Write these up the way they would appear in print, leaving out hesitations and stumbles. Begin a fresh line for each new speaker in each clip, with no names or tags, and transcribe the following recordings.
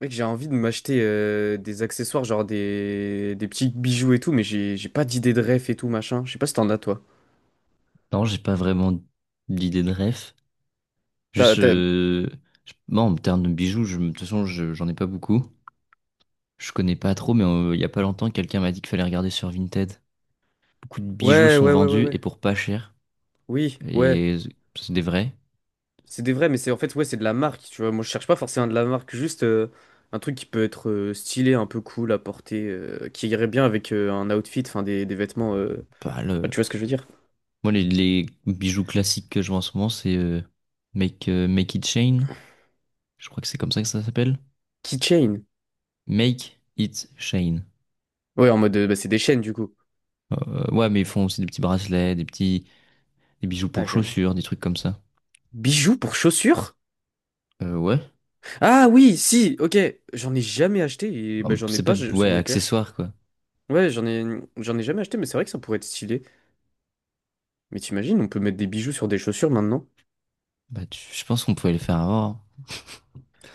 Mec, j'ai envie de m'acheter des accessoires, genre des petits bijoux et tout, mais j'ai pas d'idée de ref et tout, machin. Je sais pas si t'en as, toi.
Non, j'ai pas vraiment d'idée de ref.
T'as,
Juste,
t'as-
moi, en termes de bijoux, je, de toute façon, j'en ai pas beaucoup. Je connais pas trop, mais il y a pas longtemps, quelqu'un m'a dit qu'il fallait regarder sur Vinted. Beaucoup de bijoux
Ouais,
sont
ouais, ouais, ouais,
vendus et
ouais.
pour pas cher.
Oui, ouais.
Et c'est des vrais.
C'est des vrais, mais c'est en fait, ouais, c'est de la marque, tu vois. Moi, je cherche pas forcément de la marque, juste un truc qui peut être stylé, un peu cool à porter, qui irait bien avec un outfit, enfin, des vêtements,
Pas le...
enfin, tu vois ce que je veux dire?
Moi, les bijoux classiques que je vois en ce moment, c'est Make It Chain. Je crois que c'est comme ça que ça s'appelle.
Keychain.
Make It Chain.
Ouais, en mode, bah, c'est des chaînes, du coup.
Ouais, mais ils font aussi des petits bracelets, des bijoux
Ah,
pour
j'ai un-
chaussures, des trucs comme ça.
Bijoux pour chaussures?
Ouais.
Ah oui, si, ok. J'en ai jamais acheté et bah,
Hum.
j'en ai
C'est pas,
pas je- sur
ouais,
mes paires.
accessoire, quoi.
Ouais, j'en ai jamais acheté, mais c'est vrai que ça pourrait être stylé. Mais t'imagines, on peut mettre des bijoux sur des chaussures maintenant?
Bah, je pense qu'on pouvait le faire avant, hein.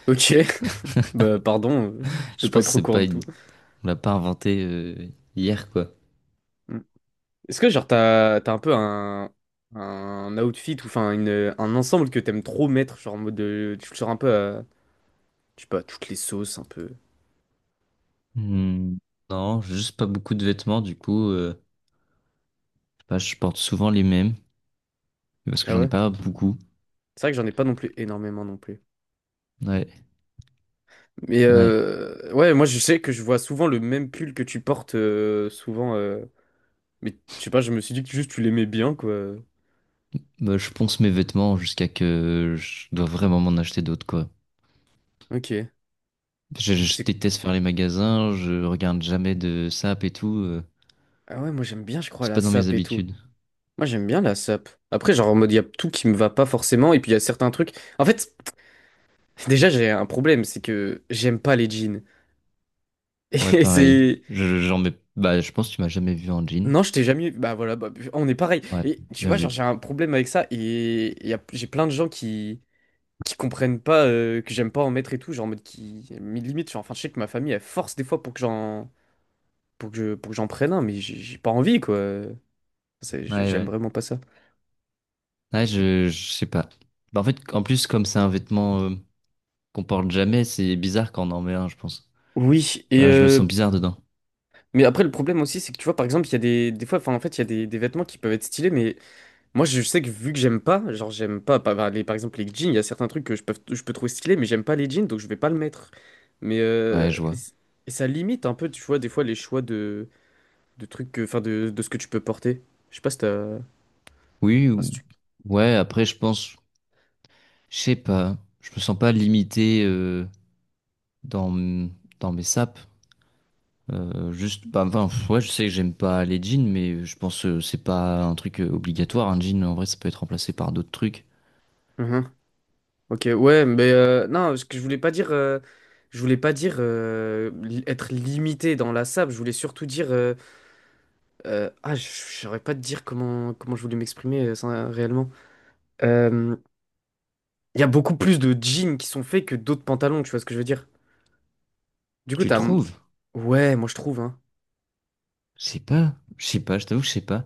Ok, bah pardon de
Je
pas
pense que
être au
c'est
courant
pas
de
une,
tout.
on l'a pas inventé hier, quoi.
Mm. Est-ce que genre t'as, t'as un peu un outfit ou enfin une, un ensemble que t'aimes trop mettre, genre en mode de, tu le sors un peu à, je sais pas, toutes les sauces un peu.
Hmm. Non, j'ai juste pas beaucoup de vêtements, du coup, je sais pas, je porte souvent les mêmes, parce que
Ah
j'en ai
ouais?
pas beaucoup.
C'est vrai que j'en ai pas non plus énormément non plus.
Ouais,
Mais
ouais.
ouais, moi je sais que je vois souvent le même pull que tu portes euh, souvent, mais je sais pas, je me suis dit que juste tu l'aimais bien, quoi.
Bah, je ponce mes vêtements jusqu'à que je dois vraiment m'en acheter d'autres, quoi.
Ok.
Je
C'est-
déteste faire les magasins, je regarde jamais de sap et tout,
Ah ouais, moi j'aime bien, je crois,
c'est
la
pas dans mes
sape et tout.
habitudes.
Moi j'aime bien la sape. Après, genre en mode, il y a tout qui me va pas forcément, et puis il y a certains trucs. En fait, déjà j'ai un problème, c'est que j'aime pas les jeans.
Ouais,
Et
pareil.
c'est.
J'en mets, bah, je pense que tu m'as jamais vu en jean.
Non, je t'ai jamais. Bah voilà, bah, on est pareil.
Ouais,
Et tu
bien
vois, genre
vu.
j'ai un problème avec ça, et j'ai plein de gens qui. Qui comprennent pas que j'aime pas en mettre et tout, genre en mode qui mais limite genre enfin je sais que ma famille elle force des fois pour que j'en pour que j'en prenne un mais j'ai pas envie quoi.
Ouais,
J'aime
ouais.
vraiment pas ça.
Ouais, je sais pas. Bah, en fait, en plus, comme c'est un vêtement qu'on porte jamais, c'est bizarre quand on en met un, je pense.
Oui, et
Voilà, je me sens bizarre dedans.
mais après le problème aussi c'est que tu vois par exemple, il y a des fois enfin en fait, il y a des vêtements qui peuvent être stylés mais moi je sais que vu que j'aime pas, genre j'aime pas par par- les par exemple les jeans, il y a certains trucs que je peux trouver stylés mais j'aime pas les jeans donc je vais pas le mettre. Mais
Ouais, je vois.
et ça limite un peu tu vois des fois les choix de trucs que enfin de ce que tu peux porter. Je sais pas si t'as
Oui, ou-
Parce que-
ouais, après, je pense, je sais pas. Je me sens pas limité dans, m- dans mes sapes. Juste, bah, enfin, pff, ouais, je sais que j'aime pas les jeans, mais je pense que c'est pas un truc obligatoire. Un jean, en vrai, ça peut être remplacé par d'autres trucs.
Mhm. Ok, ouais, mais non, ce que je voulais pas dire, je voulais pas dire li- être limité dans la sable. Je voulais surtout dire, ah, je saurais pas te dire comment je voulais m'exprimer ça, réellement. Euh, Il y a beaucoup plus de jeans qui sont faits que d'autres pantalons. Tu vois ce que je veux dire? Du coup,
Tu
t'as...
trouves?
Ouais, moi je trouve, hein.
Je sais pas. Je sais pas, je t'avoue que je sais pas.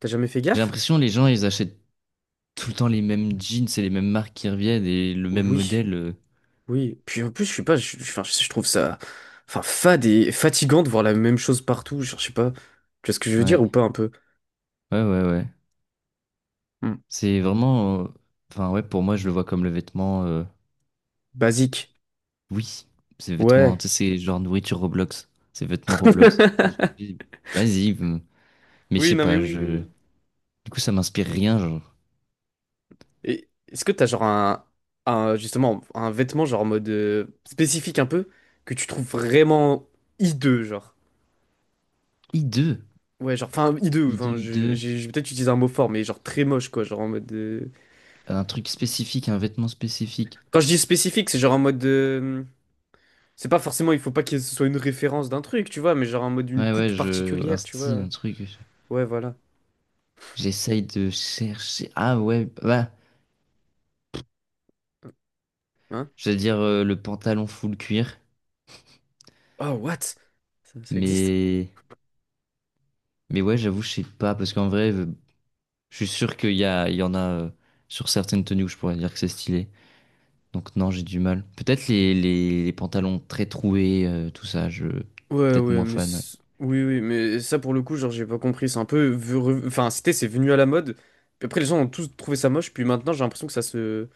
T'as jamais fait
J'ai
gaffe?
l'impression les gens, ils achètent tout le temps les mêmes jeans et les mêmes marques qui reviennent et le même
Oui,
modèle.
oui. Puis en plus, je suis pas... enfin, je trouve ça... Enfin, fade et fatigant de voir la même chose partout. Genre, je sais pas... Tu vois ce que je veux dire
Ouais,
ou pas un peu?
ouais, ouais, ouais.
Hmm.
C'est vraiment. Enfin, ouais, pour moi, je le vois comme le vêtement.
Basique.
Oui, c'est vêtement.
Ouais.
Tu sais, c'est genre nourriture Roblox. C'est vêtement Roblox. Et je dis, Vas-y, m- mais je
Oui,
sais
non mais
pas,
oui, oui,
je.
oui.
Du coup, ça m'inspire rien, genre.
Et est-ce que t'as genre un, justement un vêtement genre en mode spécifique un peu que tu trouves vraiment hideux genre?
I2,
Ouais, genre enfin hideux,
I2, I2.
j'ai peut-être utilisé un mot fort mais genre très moche quoi, genre en mode
Un truc spécifique, un vêtement spécifique.
quand je dis spécifique, c'est genre en mode. De, c'est pas forcément, il faut pas que ce soit une référence d'un truc, tu vois, mais genre en mode une
Ouais, ouais,
coupe
je. Un
particulière, tu
style,
vois.
un truc.
Ouais, voilà.
J'essaye de chercher. Ah, ouais, bah.
Hein?
Je veux dire, le pantalon full cuir.
Oh, what? Ça existe?
Mais, mais ouais, j'avoue, je sais pas, parce qu'en vrai, je suis sûr il y en a sur certaines tenues où je pourrais dire que c'est stylé. Donc non, j'ai du mal. Peut-être les pantalons très troués, tout ça, je
Ouais,
peut-être
ouais,
moins fan, ouais.
oui, oui, mais ça pour le coup, genre, j'ai pas compris. C'est un peu. Enfin, c'est venu à la mode. Puis après, les gens ont tous trouvé ça moche, puis maintenant, j'ai l'impression que ça se.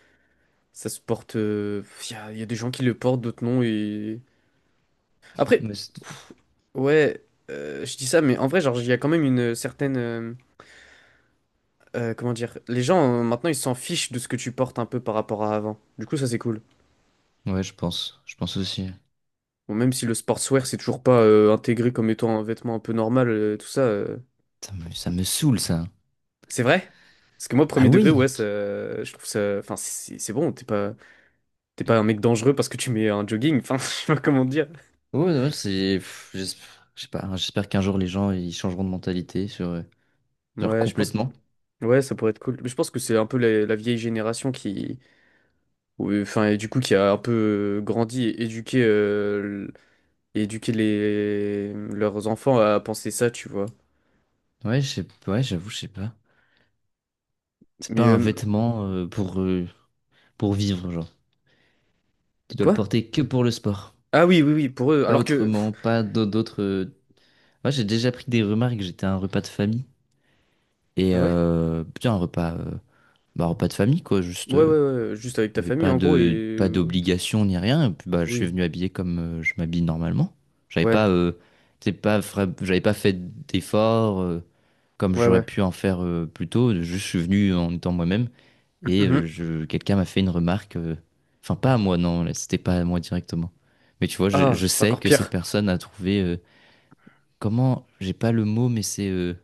Ça se porte, il y a, y a des gens qui le portent, d'autres non, et. Après,
Mais c'est-
ouais, je dis ça, mais en vrai, genre, il y a quand même une certaine, comment dire, les gens maintenant ils s'en fichent de ce que tu portes un peu par rapport à avant. Du coup, ça c'est cool.
ouais, je pense aussi.
Bon, même si le sportswear c'est toujours pas intégré comme étant un vêtement un peu normal, tout ça,
Ça me saoule, ça.
c'est vrai. Parce que moi,
Ah
premier degré,
oui!
ouais, ça, je trouve ça. Enfin, c'est bon, t'es pas un mec dangereux parce que tu mets un jogging. Enfin, je sais pas comment dire.
Ouais, ouais, je sais pas, hein, j'espère qu'un jour les gens ils changeront de mentalité sur, genre
Ouais, je pense.
complètement.
Ouais, ça pourrait être cool. Mais je pense que c'est un peu la vieille génération qui. Ouais, enfin, et du coup, qui a un peu grandi et éduqué, et éduqué leurs enfants à penser ça, tu vois.
Ouais, je sais, ouais, j'avoue, je sais pas. C'est pas
Mais
un vêtement pour vivre, genre. Tu dois le
quoi?
porter que pour le sport.
Ah oui, oui, oui, pour eux.
Pas
Alors que.
autrement,
Pff,
pas d'au- d'autres. Moi, j'ai déjà pris des remarques. J'étais à un repas de famille. Et
ah ouais?
putain, bah, un repas de famille, quoi. Juste,
Ouais, ouais, ouais, ouais, juste avec
il n'y
ta
avait
famille
pas
en gros et.
de, pas d'obligation ni rien. Et puis, bah, je suis
Oui.
venu habillé comme je m'habille normalement. J'avais
Ouais,
pas, t'sais, pas, fra- j'avais pas fait d'efforts, comme
ouais,
j'aurais
ouais.
pu en faire plus tôt. Je suis venu en étant moi-même et
Mhm.
quelqu'un m'a fait une remarque. Enfin, pas à moi, non, là, c'était pas à moi directement. Mais tu vois,
Ah,
je
c'est
sais
encore
que cette
pire.
personne a trouvé, comment? J'ai pas le mot, mais c'est,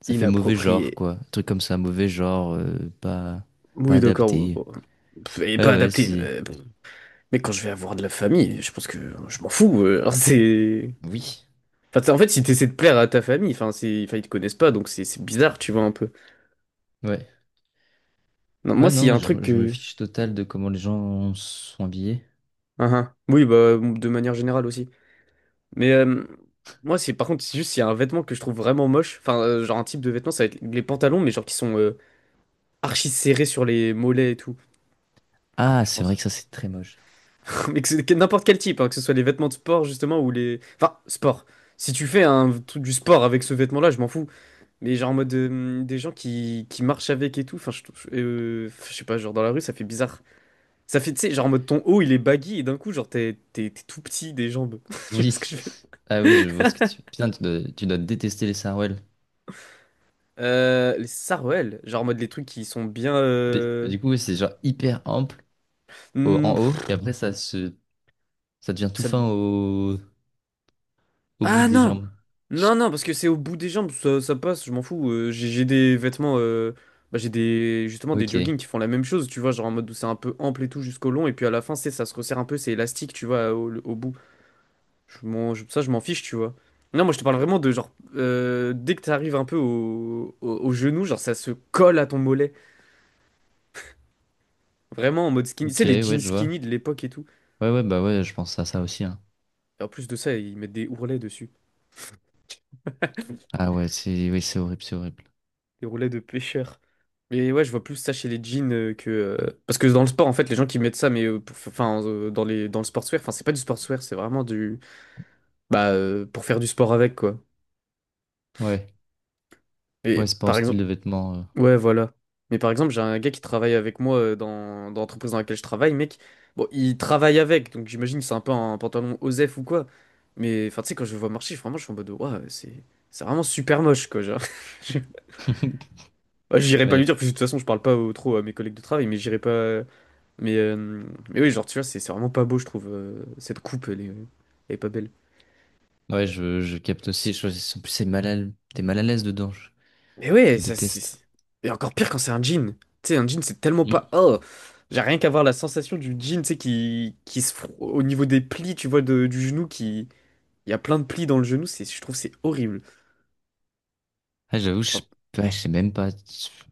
ça fait mauvais genre,
Inapproprié.
quoi. Un truc comme ça, mauvais genre, pas, pas
Oui, d'accord. bon,
adapté.
bon. Pff, et
Ouais,
pas
ouais,
adapté.
c'est.
Pff. Mais quand je vais avoir de la famille, je pense que je m'en fous. C'est.
Oui.
Enfin, t'sais, en fait, si t'essaies de plaire à ta famille, enfin, c'est... enfin, ils te connaissent pas, donc c'est bizarre, tu vois, un peu.
Ouais.
Non,
Ouais,
moi, s'il y
non,
a un truc
je me
que.
fiche total de comment les gens sont habillés.
Ah, ah. Oui, bah, de manière générale aussi. Mais moi, c'est par contre, c'est juste, il y a un vêtement que je trouve vraiment moche. Enfin, genre un type de vêtement, ça va être les pantalons, mais genre qui sont archi serrés sur les mollets et tout,
Ah,
je
c'est vrai
pense.
que ça, c'est très moche.
Mais que c'est que n'importe quel type, hein, que ce soit les vêtements de sport, justement, ou les. Enfin, sport. Si tu fais un truc du sport avec ce vêtement-là, je m'en fous. Mais genre en mode des gens qui marchent avec et tout. Enfin, je sais pas, genre dans la rue, ça fait bizarre. Ça fait, tu sais, genre en mode ton haut, il est baggy et d'un coup, genre t'es tout petit des jambes. Tu vois ce que
Oui.
je veux
Ah oui, je vois ce que tu... Putain, tu dois détester les sarouels.
euh, les Sarouel, genre en mode les trucs qui sont bien.
Mais- Du coup, oui, c'est genre hyper ample
Hmm,
en haut,
pff,
et après, ça devient tout
ça...
fin au bout
Ah
des
non!
jambes.
Non, non, parce que c'est au bout des jambes, ça passe, je m'en fous. J'ai des vêtements. Bah, j'ai des justement des
Ok.
joggings qui font la même chose, tu vois, genre en mode où c'est un peu ample et tout jusqu'au long, et puis à la fin, c'est ça se resserre un peu, c'est élastique, tu vois, au bout. Ça, je m'en fiche, tu vois. Non, moi je te parle vraiment de genre. Dès que t'arrives un peu au genou, genre ça se colle à ton mollet. Vraiment en mode skinny. Tu
Ok,
sais, les
ouais,
jeans
je vois.
skinny de l'époque et tout.
Ouais, ouais, bah ouais, je pense à ça aussi, hein.
Et en plus de ça, ils mettent des ourlets dessus,
Ah ouais, c'est oui, c'est horrible, c'est horrible.
des ourlets de pêcheurs. Mais ouais, je vois plus ça chez les jeans que parce que dans le sport en fait, les gens qui mettent ça mais enfin dans les dans le sportswear, enfin c'est pas du sportswear, c'est vraiment du bah pour faire du sport avec quoi.
Ouais. Ouais,
Et
c'est pas un
par
style
exemple,
de vêtement.
ouais, voilà. Mais par exemple, j'ai un gars qui travaille avec moi dans l'entreprise dans laquelle je travaille, mec. Bon, il travaille avec, donc j'imagine que c'est un peu un pantalon OSEF ou quoi. Mais enfin tu sais quand je le vois marcher, vraiment je suis en mode ouais, c'est vraiment super moche quoi, genre. Bah, j'irai pas lui
Ouais.
dire, parce que de toute façon, je parle pas au- trop à mes collègues de travail, mais j'irai pas. Mais, oui, genre, tu vois, c'est vraiment pas beau, je trouve. Cette coupe, elle est pas belle.
Ouais, je capte aussi. En plus, t'es mal à l'aise dedans.
Mais ouais,
Je
ça,
déteste.
et encore pire quand c'est un jean. Tu sais, un jean, c'est tellement pas. Oh! J'ai rien qu'à voir la sensation du jean, tu sais, qui se. Fro- au niveau des plis, tu vois, de- du genou, qui. Il y a plein de plis dans le genou, c'est, je trouve, c'est horrible.
Ah, j'avoue,
Bon,
ouais, je sais même pas.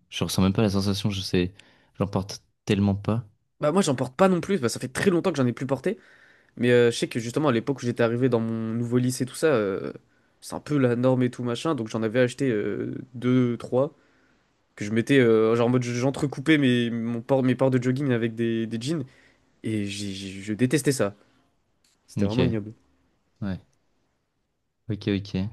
Je ressens même pas la sensation, je sais. J'en porte tellement pas.
bah, moi, j'en porte pas non plus, bah, ça fait très longtemps que j'en ai plus porté. Mais je sais que justement, à l'époque où j'étais arrivé dans mon nouveau lycée, tout ça, c'est un peu la norme et tout machin. Donc j'en avais acheté deux, trois, que je mettais, genre en mode j'entrecoupais mon port, mes ports de jogging avec des jeans. Et je détestais ça. C'était vraiment
Ok,
ignoble.
ouais. Ok, ok.